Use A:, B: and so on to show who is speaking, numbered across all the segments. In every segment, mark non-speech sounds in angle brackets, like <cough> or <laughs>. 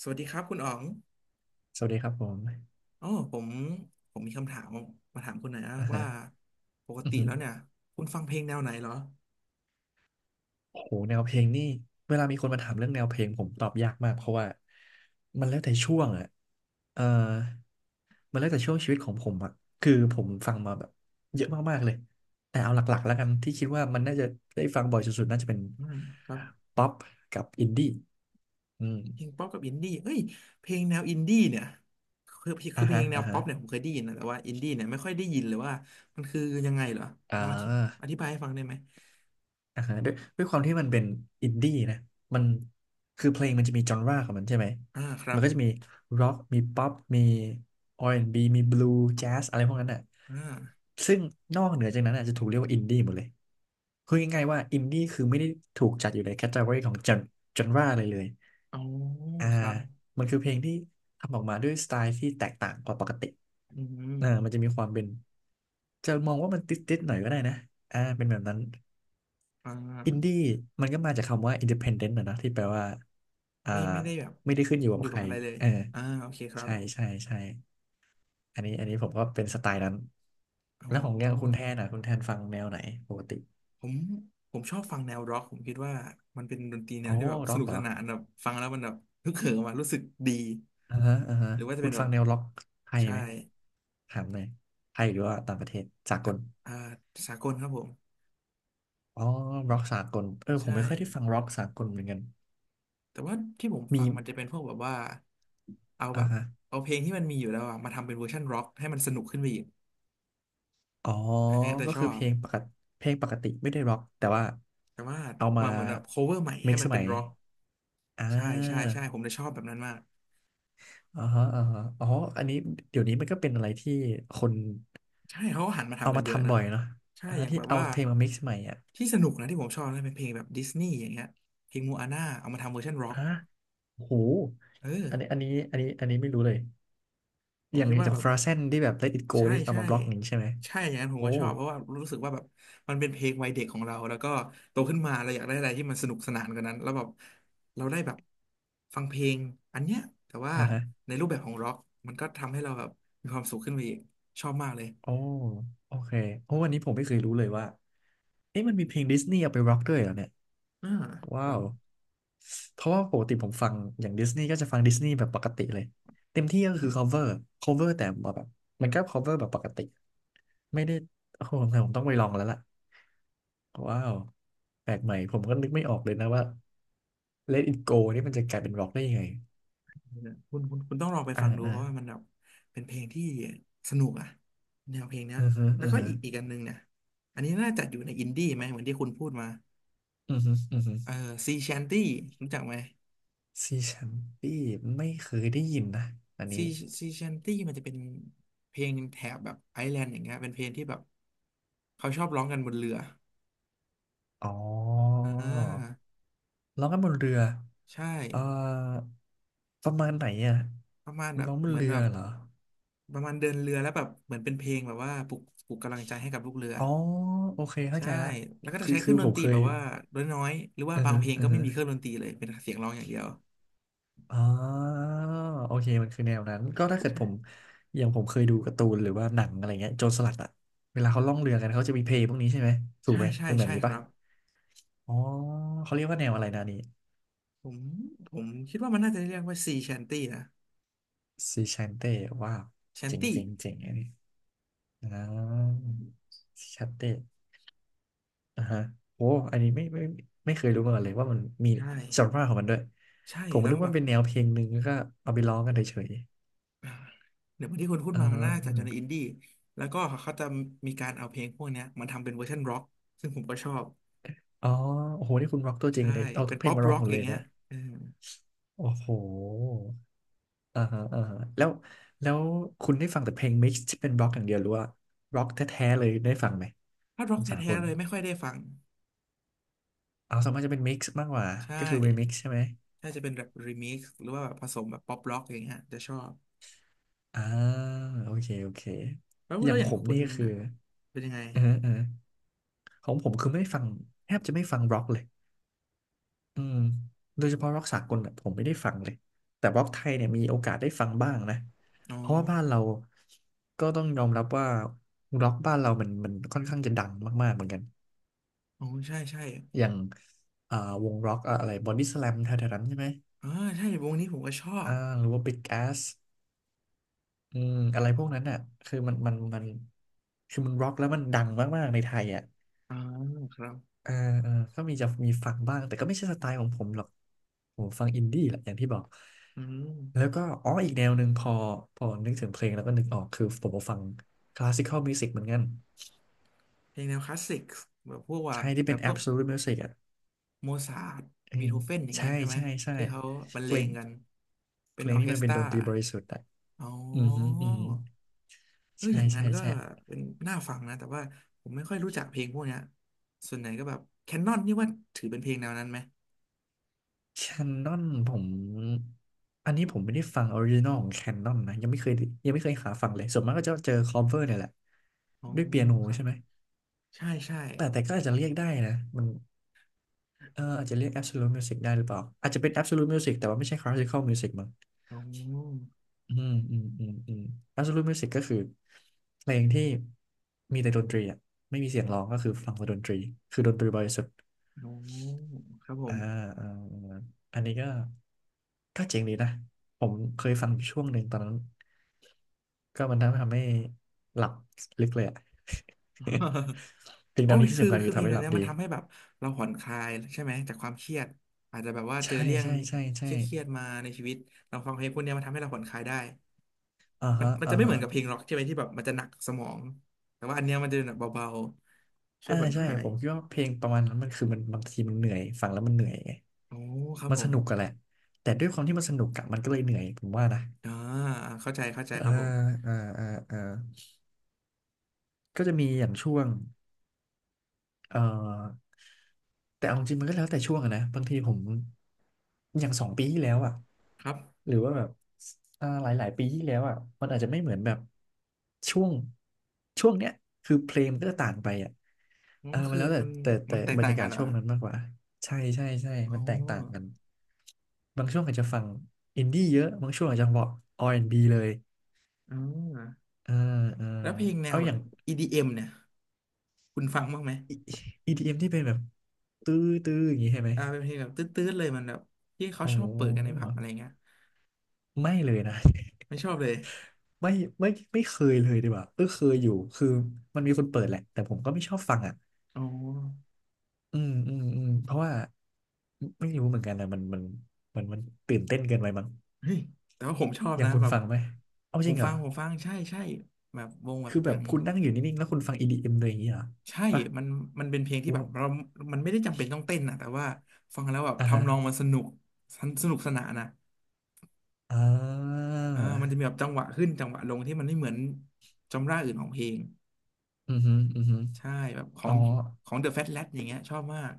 A: สวัสดีครับคุณอ๋อง
B: สวัสดีครับผม
A: อ๋อผมมีคำถามมาถามคุณหน่อยนะ
B: อ่า
A: ว่า
B: ฮะ
A: ปก
B: อือ
A: ติ
B: หือ
A: แล้วเนี่ยคุณฟังเพลงแนวไหนเหรอ
B: โอ้โหแนวเพลงนี่ เวลามีคนมาถามเรื่องแนวเพลงผมตอบยากมากเพราะว่ามันแล้วแต่ช่วงอะเออมันแล้วแต่ช่วงชีวิตของผมอะคือผมฟังมาแบบเยอะมากๆเลยแต่เอาหลักๆแล้วกันที่คิดว่ามันน่าจะได้ฟังบ่อยสุดๆน่าจะเป็น
A: อ่าครับ
B: ป๊อปกับอินดี้อืม
A: เพลงป๊อปกับอินดี้เอ้ยเพลงแนวอินดี้เนี่ยคือคื
B: อ่า
A: อเพล
B: ฮะ
A: งแนว
B: อ่า
A: ป๊
B: ฮะ
A: อปเนี่ยผมเคยได้ยินนะแต่ว่าอินดี้เนี่ยไม่ค่อยได้ยินเลยว่ามันคือยังไงเหรอ
B: อ่า
A: ลองอธิบายให้ฟังได้ไหม
B: อ่าฮะด้วยความที่มันเป็นอินดี้นะมันคือเพลงมันจะมีจอนราของมันใช่ไหม
A: อ่าครั
B: มั
A: บ
B: นก็จะมีร็อกมีป๊อปมีอาร์แอนด์บ b มีบลูแจ๊สอะไรพวกนั้นอ่ะ
A: อ่า
B: ซึ่งนอกเหนือจากนั้นอ่ะจะถูกเรียกว่าอินดี้หมดเลยคือง่ายๆว่าอินดี้คือไม่ได้ถูกจัดอยู่ในแคตตา o r y ของจอนราเลยเลย
A: อ๋อ
B: อ่า
A: ครับ
B: มันคือเพลงที่ทำออกมาด้วยสไตล์ที่แตกต่างกว่าปกติ
A: อืม
B: อ่ามันจะมีความเป็นจะมองว่ามันติดๆหน่อยก็ได้นะอ่าเป็นแบบนั้น
A: อ่
B: อินดี้
A: า
B: มันก็มาจากคำว่า independent นะเนอะที่แปลว่าอ่า
A: ไม่ได้แบบ
B: ไม่ได้ขึ้นอยู่
A: อ
B: กับ
A: ยู่
B: ใค
A: กับ
B: ร
A: อะไรเลย
B: เออ
A: อ่าโอเคครับ
B: ใช่ใช่ใช่อันนี้ผมก็เป็นสไตล์นั้น
A: อ๋
B: แล้
A: อ
B: วของเนี่ยคุณแทนอ่ะคุณแทนฟังแนวไหนปกติ
A: ผมผมชอบฟังแนวร็อกผมคิดว่ามันเป็นดนตรีแน
B: โอ้
A: วที่แบบส
B: ร็อก
A: นุก
B: เหร
A: ส
B: อ
A: นานแบบฟังแล้วมันแบบฮึกเหิมอะรู้สึกดี
B: อ่าฮะอ่าฮะ
A: หรือว่าจะ
B: คุ
A: เป็
B: ณ
A: นแบ
B: ฟัง
A: บ
B: แนวร็อกไทย
A: ใช่
B: ไหมถามหน่อยไทยหรือว่าต่างประเทศสาก
A: ทะ
B: ล
A: อ่าสากลครับผม
B: อ๋อร็อกสากลเออผม
A: ใช่
B: ไม่ค่อยได้ฟังร็อกสากลเหมือนกัน
A: แต่ว่าที่ผมฟั
B: มี
A: งมันจะเป็นพวกแบบว่าเอา
B: อ่า
A: แบบ
B: ฮะ
A: เอาเพลงที่มันมีอยู่แล้วอะมาทำเป็นเวอร์ชันร็อกให้มันสนุกขึ้นไปอีก
B: อ๋อ
A: อันอย่างนั้นแต่
B: ก็
A: ชอ
B: คือเพ
A: บ
B: ลงปกติเพลงปกติไม่ได้ร็อกแต่ว่า
A: แต่ว่า
B: เอามา
A: มาเหมือนแบบโคเวอร์ใหม่ให้
B: mix
A: มั
B: ส
A: นเป็
B: มั
A: น
B: ย
A: ร็อก
B: อ่
A: ใช่ใช่
B: า
A: ใช่ผมเลยชอบแบบนั้นมาก
B: อ๋อฮะออฮะอ๋ออันนี้เดี๋ยวนี้มันก็เป็นอะไรที่คน
A: ใช่เขาหันมา
B: เอา
A: ทำกัน
B: มา
A: เยอะ
B: ทำ
A: นะ
B: บ่อยเนาะ
A: ใช่
B: อ่า
A: อย่าง
B: ที่
A: แบบ
B: เอา
A: ว่า
B: เพลงมา mix ใหม่อ่ะ
A: ที่สนุกนะที่ผมชอบนะเป็นเพลงแบบดิสนีย์อย่างเงี้ยเพลงมูอาน่าเอามาทำเวอร์ชันร็อก
B: ฮะโอ้โห
A: เออ
B: อันนี้ไม่รู้เลย
A: ผ
B: อ
A: ม
B: ย่าง
A: คิด
B: อ
A: ว่า
B: ย่า
A: แบ
B: ง
A: บ
B: ฟราเซนที่แบบ Let It Go
A: ใช่
B: นี่เอา
A: ใช่
B: มาบล็อกอย่างนี้ใช่ไหม
A: ใช่อย่างนั้นผม
B: โอ้
A: ก็ชอบเพราะว่ารู้สึกว่าแบบมันเป็นเพลงวัยเด็กของเราแล้วก็โตขึ้นมาเราอยากได้อะไรที่มันสนุกสนานกว่านั้นแล้วแบบเราได้แบบฟังเพลงอันเนี้ยแต่ว่า
B: อ่าฮะ
A: ในรูปแบบของร็อกมันก็ทำให้เราแบบมีความสุขขึ้นไปอีกชอบมากเลย
B: โอ้โอเคโอ้วันนี้ผมไม่เคยรู้เลยว่าเอ๊ะมันมีเพลงดิสนีย์เอาไปร็อกด้วยเหรอเนี่ย
A: อ่าค
B: ว้า
A: รั
B: ว
A: บ
B: เพราะว่าปกติผมฟังอย่างดิสนีย์ก็จะฟังดิสนีย์แบบปกติเลยเต็มที่ก็คือ cover แต่ว่าแบบมันก็ cover แบบปกติไม่ได้โอ้โหสงสัยผมต้องไปลองแล้วล่ะว้าวแปลกใหม่ผมก็นึกไม่ออกเลยนะว่า Let It Go นี่มันจะกลายเป็นร็อกได้ยังไง
A: คุณต้องลองไป
B: อ่า
A: ฟังดู
B: อ่า
A: เพราะว่ามันแบบเป็นเพลงที่สนุกอะแนวเพลงเนี้ย
B: อือฮึ
A: แล้
B: อื
A: ว
B: อ
A: ก็
B: ฮึ
A: อีกอันหนึงเนี่ยอันนี้น่าจะอยู่ในอินดี้ไหมเหมือนที่คุณพูดมา
B: อือฮึอือฮึ
A: เออซีแชนตี้รู้จักไหม
B: ซีแชมปี้ไม่เคยได้ยินนะอัน
A: ซี
B: นี้
A: ซีแชนตี้มันจะเป็นเพลงแถบแบบไอร์แลนด์อย่างเงี้ยเป็นเพลงที่แบบเขาชอบร้องกันบนเรือ
B: อ๋อ
A: อ่า
B: ร้องกันบนเรือ
A: ใช่
B: เอ่อประมาณไหนอ่ะ
A: ประมาณแบบ
B: ร้องบ
A: เห
B: น
A: มือน
B: เรื
A: แบ
B: อ
A: บ
B: เหรอ
A: ประมาณเดินเรือแล้วแบบเหมือนเป็นเพลงแบบว่าปลุกกำลังใจให้กับลูกเรือ
B: อ๋อโอเคเข้า
A: ใช่
B: ใจละ
A: แล้วก็จะ
B: คือ
A: ใช้เค
B: คื
A: รื่อ
B: อ
A: งด
B: ผ
A: น
B: ม
A: ตรี
B: เค
A: แบ
B: ย
A: บว่าน้อยๆหรือว่า
B: อือ
A: บาง
B: ฮึ
A: เพลง
B: อื
A: ก็
B: อ
A: ไม่
B: ฮึ
A: มีเครื่องดนตรีเลย เป็นเสียงร้องอย่างเดียว
B: อ๋อโอเคมันคือแนวนั้นก็ถ้าเกิดผมอย่างผมเคยดูการ์ตูนหรือว่าหนังอะไรเงี้ยโจรสลัดอ่ะเวลาเขาล่องเรือกันเขาจะมีเพลงพวกนี้ใช่ไหมถูก
A: ใช่
B: ไหม
A: ใช่
B: เป็นแบบ
A: ใช่
B: นี้
A: ค
B: ปะ
A: รับ
B: อ๋อเขาเรียกว่าแนวอะไรนะอันนี่
A: ผมผมคิดว่ามันน่าจะเรียกว่าซีแชนตี้นะ
B: ซีชันเต้ว้าว
A: แชน
B: เจ๋ง
A: ตี้
B: เจ๋งเจ๋งอันนี้อ่าซีชันเต้ อ่าฮะโอ้อันนี้ไม่เคยรู้มาก่อนเลยว่ามันมี
A: ใช่
B: จอนราวด์ของมันด้วย
A: ใช่
B: ผม
A: แล้ว
B: นึก
A: ก็แบ
B: ว่า
A: บ
B: เป็นแนวเพลงหนึ่งแล้วก็เอาไปร้องกันเฉย
A: อ่าเดี๋ยวเหมือนที่คุณพู
B: ๆ
A: ด
B: อ่า
A: มามันน่า
B: อ
A: จะอยู่ใน
B: ม
A: อินดี้แล้วก็เขาจะมีการเอาเพลงพวกเนี้ยมาทำเป็นเวอร์ชันร็อกซึ่งผมก็ชอบ
B: อ๋อโอ้โหนี่คุณร็อกตัวจริ
A: ใช่
B: งเลยเอา
A: เป็
B: ทุ
A: น
B: กเพล
A: ป๊
B: ง
A: อป
B: มาร็อ
A: ร็
B: ก
A: อก
B: หมด
A: อ
B: เล
A: ย่าง
B: ย
A: เงี้ย
B: นะ
A: เออ
B: โอ้โห อ่าฮะอ่าฮะแล้วคุณได้ฟังแต่เพลงมิกซ์ที่เป็นร็อกอย่างเดียวหรือว่าร็อกแท้ๆเลยได้ฟังไหม
A: ถ้าร็
B: ข
A: อ
B: อ
A: ก
B: งสาก
A: แท้
B: ล
A: ๆเลยไม่ค่อยได้ฟัง
B: เอาส่วนมากจะเป็นมิกซ์มากกว่า
A: ใช่
B: ก็คือรีมิกซ์ใช่ไหม
A: ถ้าจะเป็นแบบรีมิกซ์หรือว่าแบบผสมแบบป๊อปร็อกอย่างเงี้ยจะชอบ
B: อ่าโอเค
A: แล้ว
B: อ
A: แล้
B: ย่าง
A: วอ
B: ผ
A: ย่าง
B: ม
A: คุ
B: นี่
A: ณ
B: ก็คือ
A: น่ะเป็นยังไง
B: เออ ของผมคือไม่ฟังแทบจะไม่ฟังร็อกเลยอืมโดยเฉพาะร็อกสากลน่ะผมไม่ได้ฟังเลย แต่ร็อกไทยเนี่ยมีโอกาสได้ฟังบ้างนะ
A: อ๋อ
B: เพราะว่าบ้านเราก็ต้องยอมรับว่าร็อกบ้านเรามันค่อนข้างจะดังมากๆเหมือนกัน
A: อ๋อใช่
B: อย่างอ่าวงร็อกอะไรบอดี้สแลมแถวๆนั้นใช่ไหม
A: อ่าใช่วงนี้ผมก็ชอ
B: อ่า
A: บ
B: หรือว่าบิ๊กแอสอืมอะไรพวกนั้นอ่ะคือมันมันมันคือมันร็อกแล้วมันดังมากๆในไทยอ่ะ
A: อ่าครับ
B: เออเออก็มีจะมีฟังบ้างแต่ก็ไม่ใช่สไตล์ของผมหรอกผมฟังอินดี้แหละอย่างที่บอก
A: อืม
B: แล้วก็อ๋ออีกแนวหนึ่งพอนึกถึงเพลงแล้วก็นึกออกคือผมก็ฟังคลาสสิคอลมิวสิกเหมือนกัน
A: เพลงแนวคลาสสิกแบบพวกว่า
B: ใช่ที่
A: แบ
B: เป็น
A: บพวก
B: Absolute Music อ่ะ
A: โมซาร์ท
B: เออ
A: บีโธเฟนอย่าง
B: ใช่
A: เงี้ยใช่ไหม
B: ใช่ใช่
A: ที่เขาบรร
B: เพ
A: เล
B: ล
A: ง
B: ง
A: กันเป็
B: เพ
A: น
B: ล
A: อ
B: ง
A: อร์
B: นี้
A: เค
B: มั
A: ส
B: น
A: ต
B: เป็น
A: รา
B: ดนตรีบริสุทธิ์อ่ะ
A: อ๋
B: อือฮึ
A: อ
B: อือฮึ
A: เออ
B: ใช่
A: อย่างนั้
B: ใช่
A: นก็
B: ใช่
A: เป็นน่าฟังนะแต่ว่าผมไม่ค่อยรู้จักเพลงพวกเนี้ยส่วนไหนก็แบบแคนนอนนี่ว่าถือเป็นเพลงแนวนั้นไหม
B: แคนนอนผมอันนี้ผมไม่ได้ฟังออริจินอลของแคนนอนนะยังไม่เคยยังไม่เคยหาฟังเลยส่วนมากก็จะเจอคอเวอร์เนี่ยแหละ
A: อ๋อ
B: ด้วยเปียโน
A: ครับ
B: ใช่ไหม
A: ใช่ใช่
B: แต่ก็อาจจะเรียกได้นะมันเอออาจจะเรียก Absolute Music ได้หรือเปล่าอาจจะเป็น Absolute Music แต่ว่าไม่ใช่ Classical Music มั้ง
A: อ๋อ
B: อืมอืมอืมอืม Absolute Music ก็คือเพลงที่มีแต่ดนตรีอ่ะไม่มีเสียงร้องก็คือฟังแต่ดนตรีคือดนตรีบริสุทธิ์
A: โอ้ครับผ
B: อ่า
A: ม
B: อ่าอาอันนี้ก็เจ๋งดีนะ ผมเคยฟังอยู่ช่วงหนึ่งตอนนั้นก็มันทำให้หลับลึกเลยอะ
A: <laughs>
B: <laughs> สิ่งเห
A: โอ้
B: ล่า
A: ย
B: นี้ที่
A: คือ
B: สำคัญ
A: คื
B: คื
A: อ
B: อ
A: เพล
B: ทำ
A: ง
B: ให้
A: อั
B: ห
A: น
B: ลับ
A: เนี้ย
B: ดี
A: มันทำให้แบบเราผ่อนคลายใช่ไหมจากความเครียดอาจจะแบบว่าเจอ
B: ใช่
A: เรื่อง
B: ใช่ใช่
A: เค
B: ใช่
A: รียดเครียดมาในชีวิตเราฟังเพลงพวกเนี้ยมันทำให้เราผ่อนคลายได้
B: อ่า
A: มัน
B: ฮะ
A: มัน
B: อ่า
A: จะไม่เห
B: ฮะ
A: มือนกับเพลงร็อกใช่ไหมที่แบบมันจะหนักสมองแต่ว่าอันเนี้ยมันจะแบบเบาๆช่วย
B: อ่า
A: ผ่อนค
B: ใช่
A: ลาย
B: ผมคิดว่าเพลงประมาณนั้นมันคือมันบางทีมันเหนื่อยฟังแล้วมันเหนื่อยไง
A: โอ้ครับ
B: มัน
A: ผ
B: ส
A: ม
B: นุกกันแหละแต่ด้วยความที่มันสนุกอะมันก็เลยเหนื่อยผมว่านะ
A: อ่าเข้าใจ
B: อ่า
A: ครับผม
B: อ่าอ่าอ่าก็จะมีอย่างช่วงเอ่อ แต่เอาจริงมันก็แล้วแต่ช่วงอะนะบางทีผมอย่างสองปีที่แล้วอ่ะ
A: ครับ
B: หรือว่าแบบอ่าหลายหลายปีที่แล้วอ่ะมันอาจจะไม่เหมือนแบบช่วงช่วงเนี้ยคือเพลงมันก็ต่างไปอ่ะ
A: อ๋อ
B: เออมัน
A: คือ
B: แล้วแต่
A: มัน
B: แต่
A: มั
B: แต่
A: นแตก
B: บรร
A: ต่าง
B: ยา
A: กั
B: กา
A: น
B: ศ
A: เหรอ
B: ช่วงนั้นมากกว่าใช่ใช่ใช่
A: อ๋อ
B: มันแตกต่างกันบางช่วงอาจจะฟังอินดี้เยอะบางช่วงอาจจะบอก R&B เลย
A: อ่า
B: เอ่าออ
A: แล้วเพลงแน
B: เอา
A: วแบ
B: อ
A: บ
B: ย่าง
A: EDM เอ็มเนี่ยคุณฟังบ้างไหม
B: E- EDM ที่เป็นแบบตื้อตื้ออย่างนี้ใช่ไหม
A: อ่าเป็นเพลงแบบตื้ดๆเลยมันแบบที่เขา
B: โอ้
A: ช
B: โ
A: อบเปิดกันในผั
B: ห
A: บอะไรเงี้ย
B: ไม่เลยนะ
A: ไม่ชอบเลย
B: ไม่ไม่ไม่เคยเลยดีกว่าเออเคยอยู่คือมันมีคนเปิดแหละแต่ผมก็ไม่ชอบฟังอ่ะ
A: อ๋อ
B: เพราะว่าไม่รู้เหมือนกันนะมันตื่นเต้นเกินไปมั้ง
A: เฮ้ยแต่ว่าผมชอบ
B: อย่าง
A: นะ
B: คุณ
A: แบบ
B: ฟังไหมเอา
A: ผ
B: จริ
A: ม
B: งเหร
A: ฟั
B: อ
A: งผมฟังใช่ใช่แบบวงแบบ
B: คือ
A: อ
B: แบบ
A: ย่าง
B: คุณนั่งอยู่นิ่งๆแล้วคุณฟัง EDM เอ็มเลยอย่างนี้เหรอ
A: ใช่
B: ปะ
A: มันมันเป็นเพลงที่แบ
B: ว้า
A: บ
B: ว
A: เรามันไม่ได้จำเป็นต้องเต้นนะแต่ว่าฟังแล้วแบบ
B: อ่าฮะ
A: ทำนองมันสนุกสนุกสนานนะ
B: อ่า
A: อ่ามันจะมีแบบจังหวะขึ้นจังหวะลงที่มันไม่เหมือนจำราอื่นของเพลง
B: อือฮึอือฮึ
A: ใช่แบบขอ
B: อ๋อ
A: งของ The Fat Lad อย่างเงี้ยชอบมาก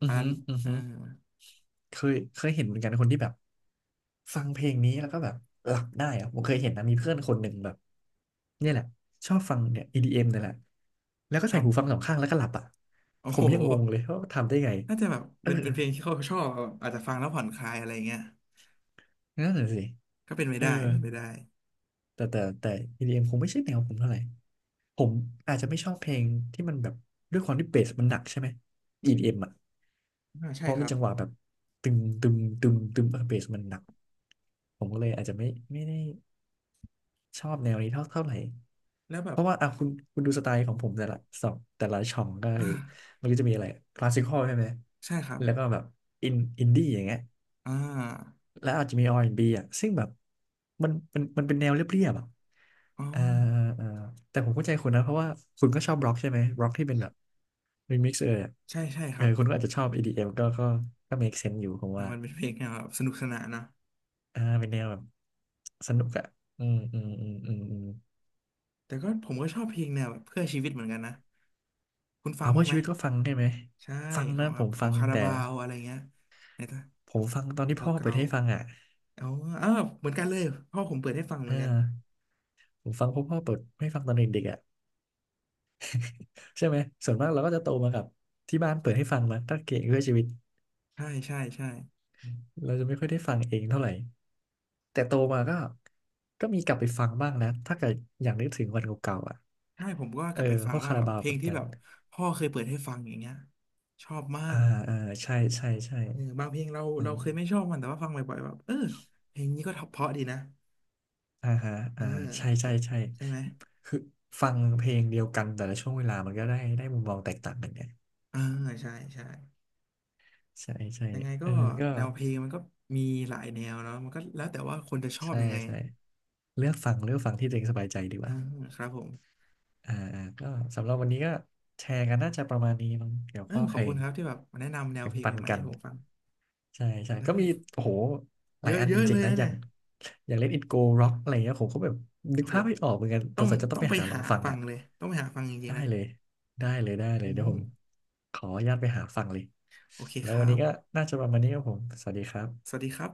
B: อื
A: อั
B: อ
A: นนั้
B: ฮึ
A: น
B: อือ
A: เออ
B: ฮึ เคยเห็นเหมือนกันคนที่แบบฟังเพลงนี้แล้วก็แบบหลับได้อะผมเคยเห็นนะมีเพื่อนคนหนึ่งแบบเนี่ยแหละชอบฟังเนี่ย EDM เอ็มเนี่ยแหละแล้วก็
A: ค
B: ใส่
A: รั
B: หูฟัง
A: บ
B: สองข้างแล้วก็หลับอ่ะ
A: โอ้
B: ผ
A: โห
B: มยังงงเลยว่าทำได้ไง
A: น่าจะแบบ
B: เออ
A: เป็นเป็นเพลงที่เขาชอบแบบอาจจะฟังแล้วผ่อนคลายอะไรเงี้ย
B: นั่นแหละสิ
A: ก็เป็นไป
B: เออ
A: ได้เป็นไปได้
B: แต่ EDM คงไม่ใช่แนวผมเท่าไหร่ ผมอาจจะไม่ชอบเพลงที่มันแบบด้วยความที่เบสมันหนักใช่ไหม EDM อมอ่ะ
A: อ่า
B: เพ
A: ใช่
B: ราะ
A: ค
B: มัน
A: รับ
B: จังหวะแบบตึมตึมตึมตึมเออเบสมันหนัก ผมก็เลยอาจจะไม่ได้ชอบแนวนี้เท่าเท่าไหร่
A: แล้วแบ
B: เพ
A: บ
B: ราะว่าอ่ะคุณดูสไตล์ของผมแต่ละสองแต่ละช่องก็
A: อ
B: คือ
A: ่า
B: มันก็จะมีอะไรคลาสสิคอลใช่ไหม
A: ใช่ครับ
B: แล้วก็แบบอินอินดี้อย่างเงี้ย
A: อ่า
B: แล้วอาจจะมี R&B อนด์บีอ่ะซึ่งแบบมันเป็นแนวเรียบๆอ่ะ
A: อ๋อ
B: เอ่อเอ่อแต่ผมเข้าใจคุณนะเพราะว่าคุณก็ชอบบล็อกใช่ไหมบล็อกที่เป็นแบบรีมิกซ์เอยอะ
A: ใช่ใช่ค
B: เออ
A: รับ
B: คุณก็อาจจะชอบ EDM ก็ make sense อยู่ผม
A: อ่า
B: ว่า
A: มันเป็นเพลงแนวแบบสนุกสนานนะ
B: อ่าเป็นแนวแบบสนุกอ่ะอืมอืมอืมอืมอืม
A: แต่ก็ผมก็ชอบเพลงแนวแบบเพื่อชีวิตเหมือนกันนะคุณฟั
B: เอา
A: งบ้า
B: เพื่
A: ง
B: อ
A: ไหม
B: ชีวิตก็ฟังใช่ไหม
A: ใช่
B: ฟัง
A: ขอ
B: นะ
A: งแบ
B: ผ
A: บ
B: ม
A: ขอ
B: ฟั
A: ง
B: ง
A: คารา
B: แต่
A: บาวอะไรเงี้ยในตะ
B: ผมฟังตอน
A: เพลง
B: ที่พ่อเปิ
A: เก่า
B: ดให้ฟังอ่ะ
A: ๆเอ๋ออาวเหมือนกันเลยพ่อผมเปิดให้ฟังเห
B: เอ
A: มือนกัน
B: อผมฟังเพราะพ่อเปิดให้ฟังตอนเด็กๆอ่ะใช่ไหมส่วนมากเราก็จะโตมากับที่บ้านเปิดให้ฟังมาตั้งเก่งเพื่อชีวิต
A: ใช่ใช่ใช่
B: เราจะไม่ค่อยได้ฟังเองเท่าไหร่แต่โตมาก็มีกลับไปฟังบ้างนะถ้าเกิดอย่างนึกถึงวันเก่าๆอ่ะ
A: ใช่ผมก็
B: เอ
A: ก
B: อ
A: ลับไปฟั
B: พ
A: ง
B: วก
A: บ้า
B: คา
A: ง
B: รา
A: แบบ
B: บาว
A: เพล
B: เหมื
A: ง
B: อน
A: ที่
B: กัน
A: แบบพ่อเคยเปิดให้ฟังอย่างเงี้ยชอบมา
B: อ่า
A: ก
B: อ่าใช่ใช่ใช่
A: เออบางเพลงเรา
B: อื
A: เรา
B: ม
A: เคยไม่ชอบมันแต่ว่าฟังบ่อยๆแบบเออเพลงนี้ก็เพราะดีนะ
B: อ่าฮะ
A: เอ
B: อ่าใช่ใช่
A: อ
B: ใช่
A: ใช่ไหม
B: คือฟังเพลงเดียวกันแต่ละช่วงเวลามันก็ได้มุมมองแตกต่างกันไง
A: เออใช่ใช่
B: ใช่ใช่
A: ยังไง
B: เอ
A: ก็
B: อก็
A: แนวเพลงมันก็มีหลายแนวเนาะมันก็แล้วแต่ว่าคนจะชอบ
B: ใช่
A: ยังไง
B: ใช่เลือกฟังเลือกฟังที่ตัวเองสบายใจดีก
A: เออ
B: ว่า
A: ครับผม
B: ก็สำหรับวันนี้ก็แชร์กันน่าจะประมาณนี้มั้งเกี่ยวกั
A: เอ
B: บข้
A: อ
B: อ
A: ข
B: เพ
A: อบ
B: ล
A: คุณ
B: ง
A: ครับที่แบบมาแนะนำแนว
B: แบ่
A: เพ
B: ง
A: ลง
B: ปัน
A: ใหม่ๆ
B: กัน
A: ให้ผมฟัง
B: ใช่ใช่
A: ได้
B: ก็มีโอ้โหห
A: เย
B: ลาย
A: อะ
B: อัน
A: เย
B: จ
A: อะเล
B: ริง
A: ย
B: ๆนะ
A: นะ
B: อย่า
A: เนี่
B: ง
A: ย
B: อย่าง Let It Go Rock อะไรเงี้ยผมก็แบบนึ
A: โอ้
B: ก
A: โห
B: ภาพไม่ออกเหมือนกัน
A: ต้
B: ส
A: อ
B: ง
A: ง
B: สัยจะต้อ
A: ต้
B: ง
A: อง
B: ไป
A: ไป
B: หาลอ
A: หา
B: งฟัง
A: ฟัง
B: อ่ะ
A: เลยต้องไปหาฟังจริง
B: ได้
A: ๆนะ
B: เลยได้เลยได้เล
A: อื
B: ยเดี๋ยว
A: ม
B: ผมขออนุญาตไปหาฟังเลย
A: โอเค
B: แล้
A: ค
B: ววั
A: รั
B: นนี้
A: บ
B: ก็น่าจะประมาณนี้ครับผมสวัสดีครั
A: ส
B: บ
A: วัสดีครับ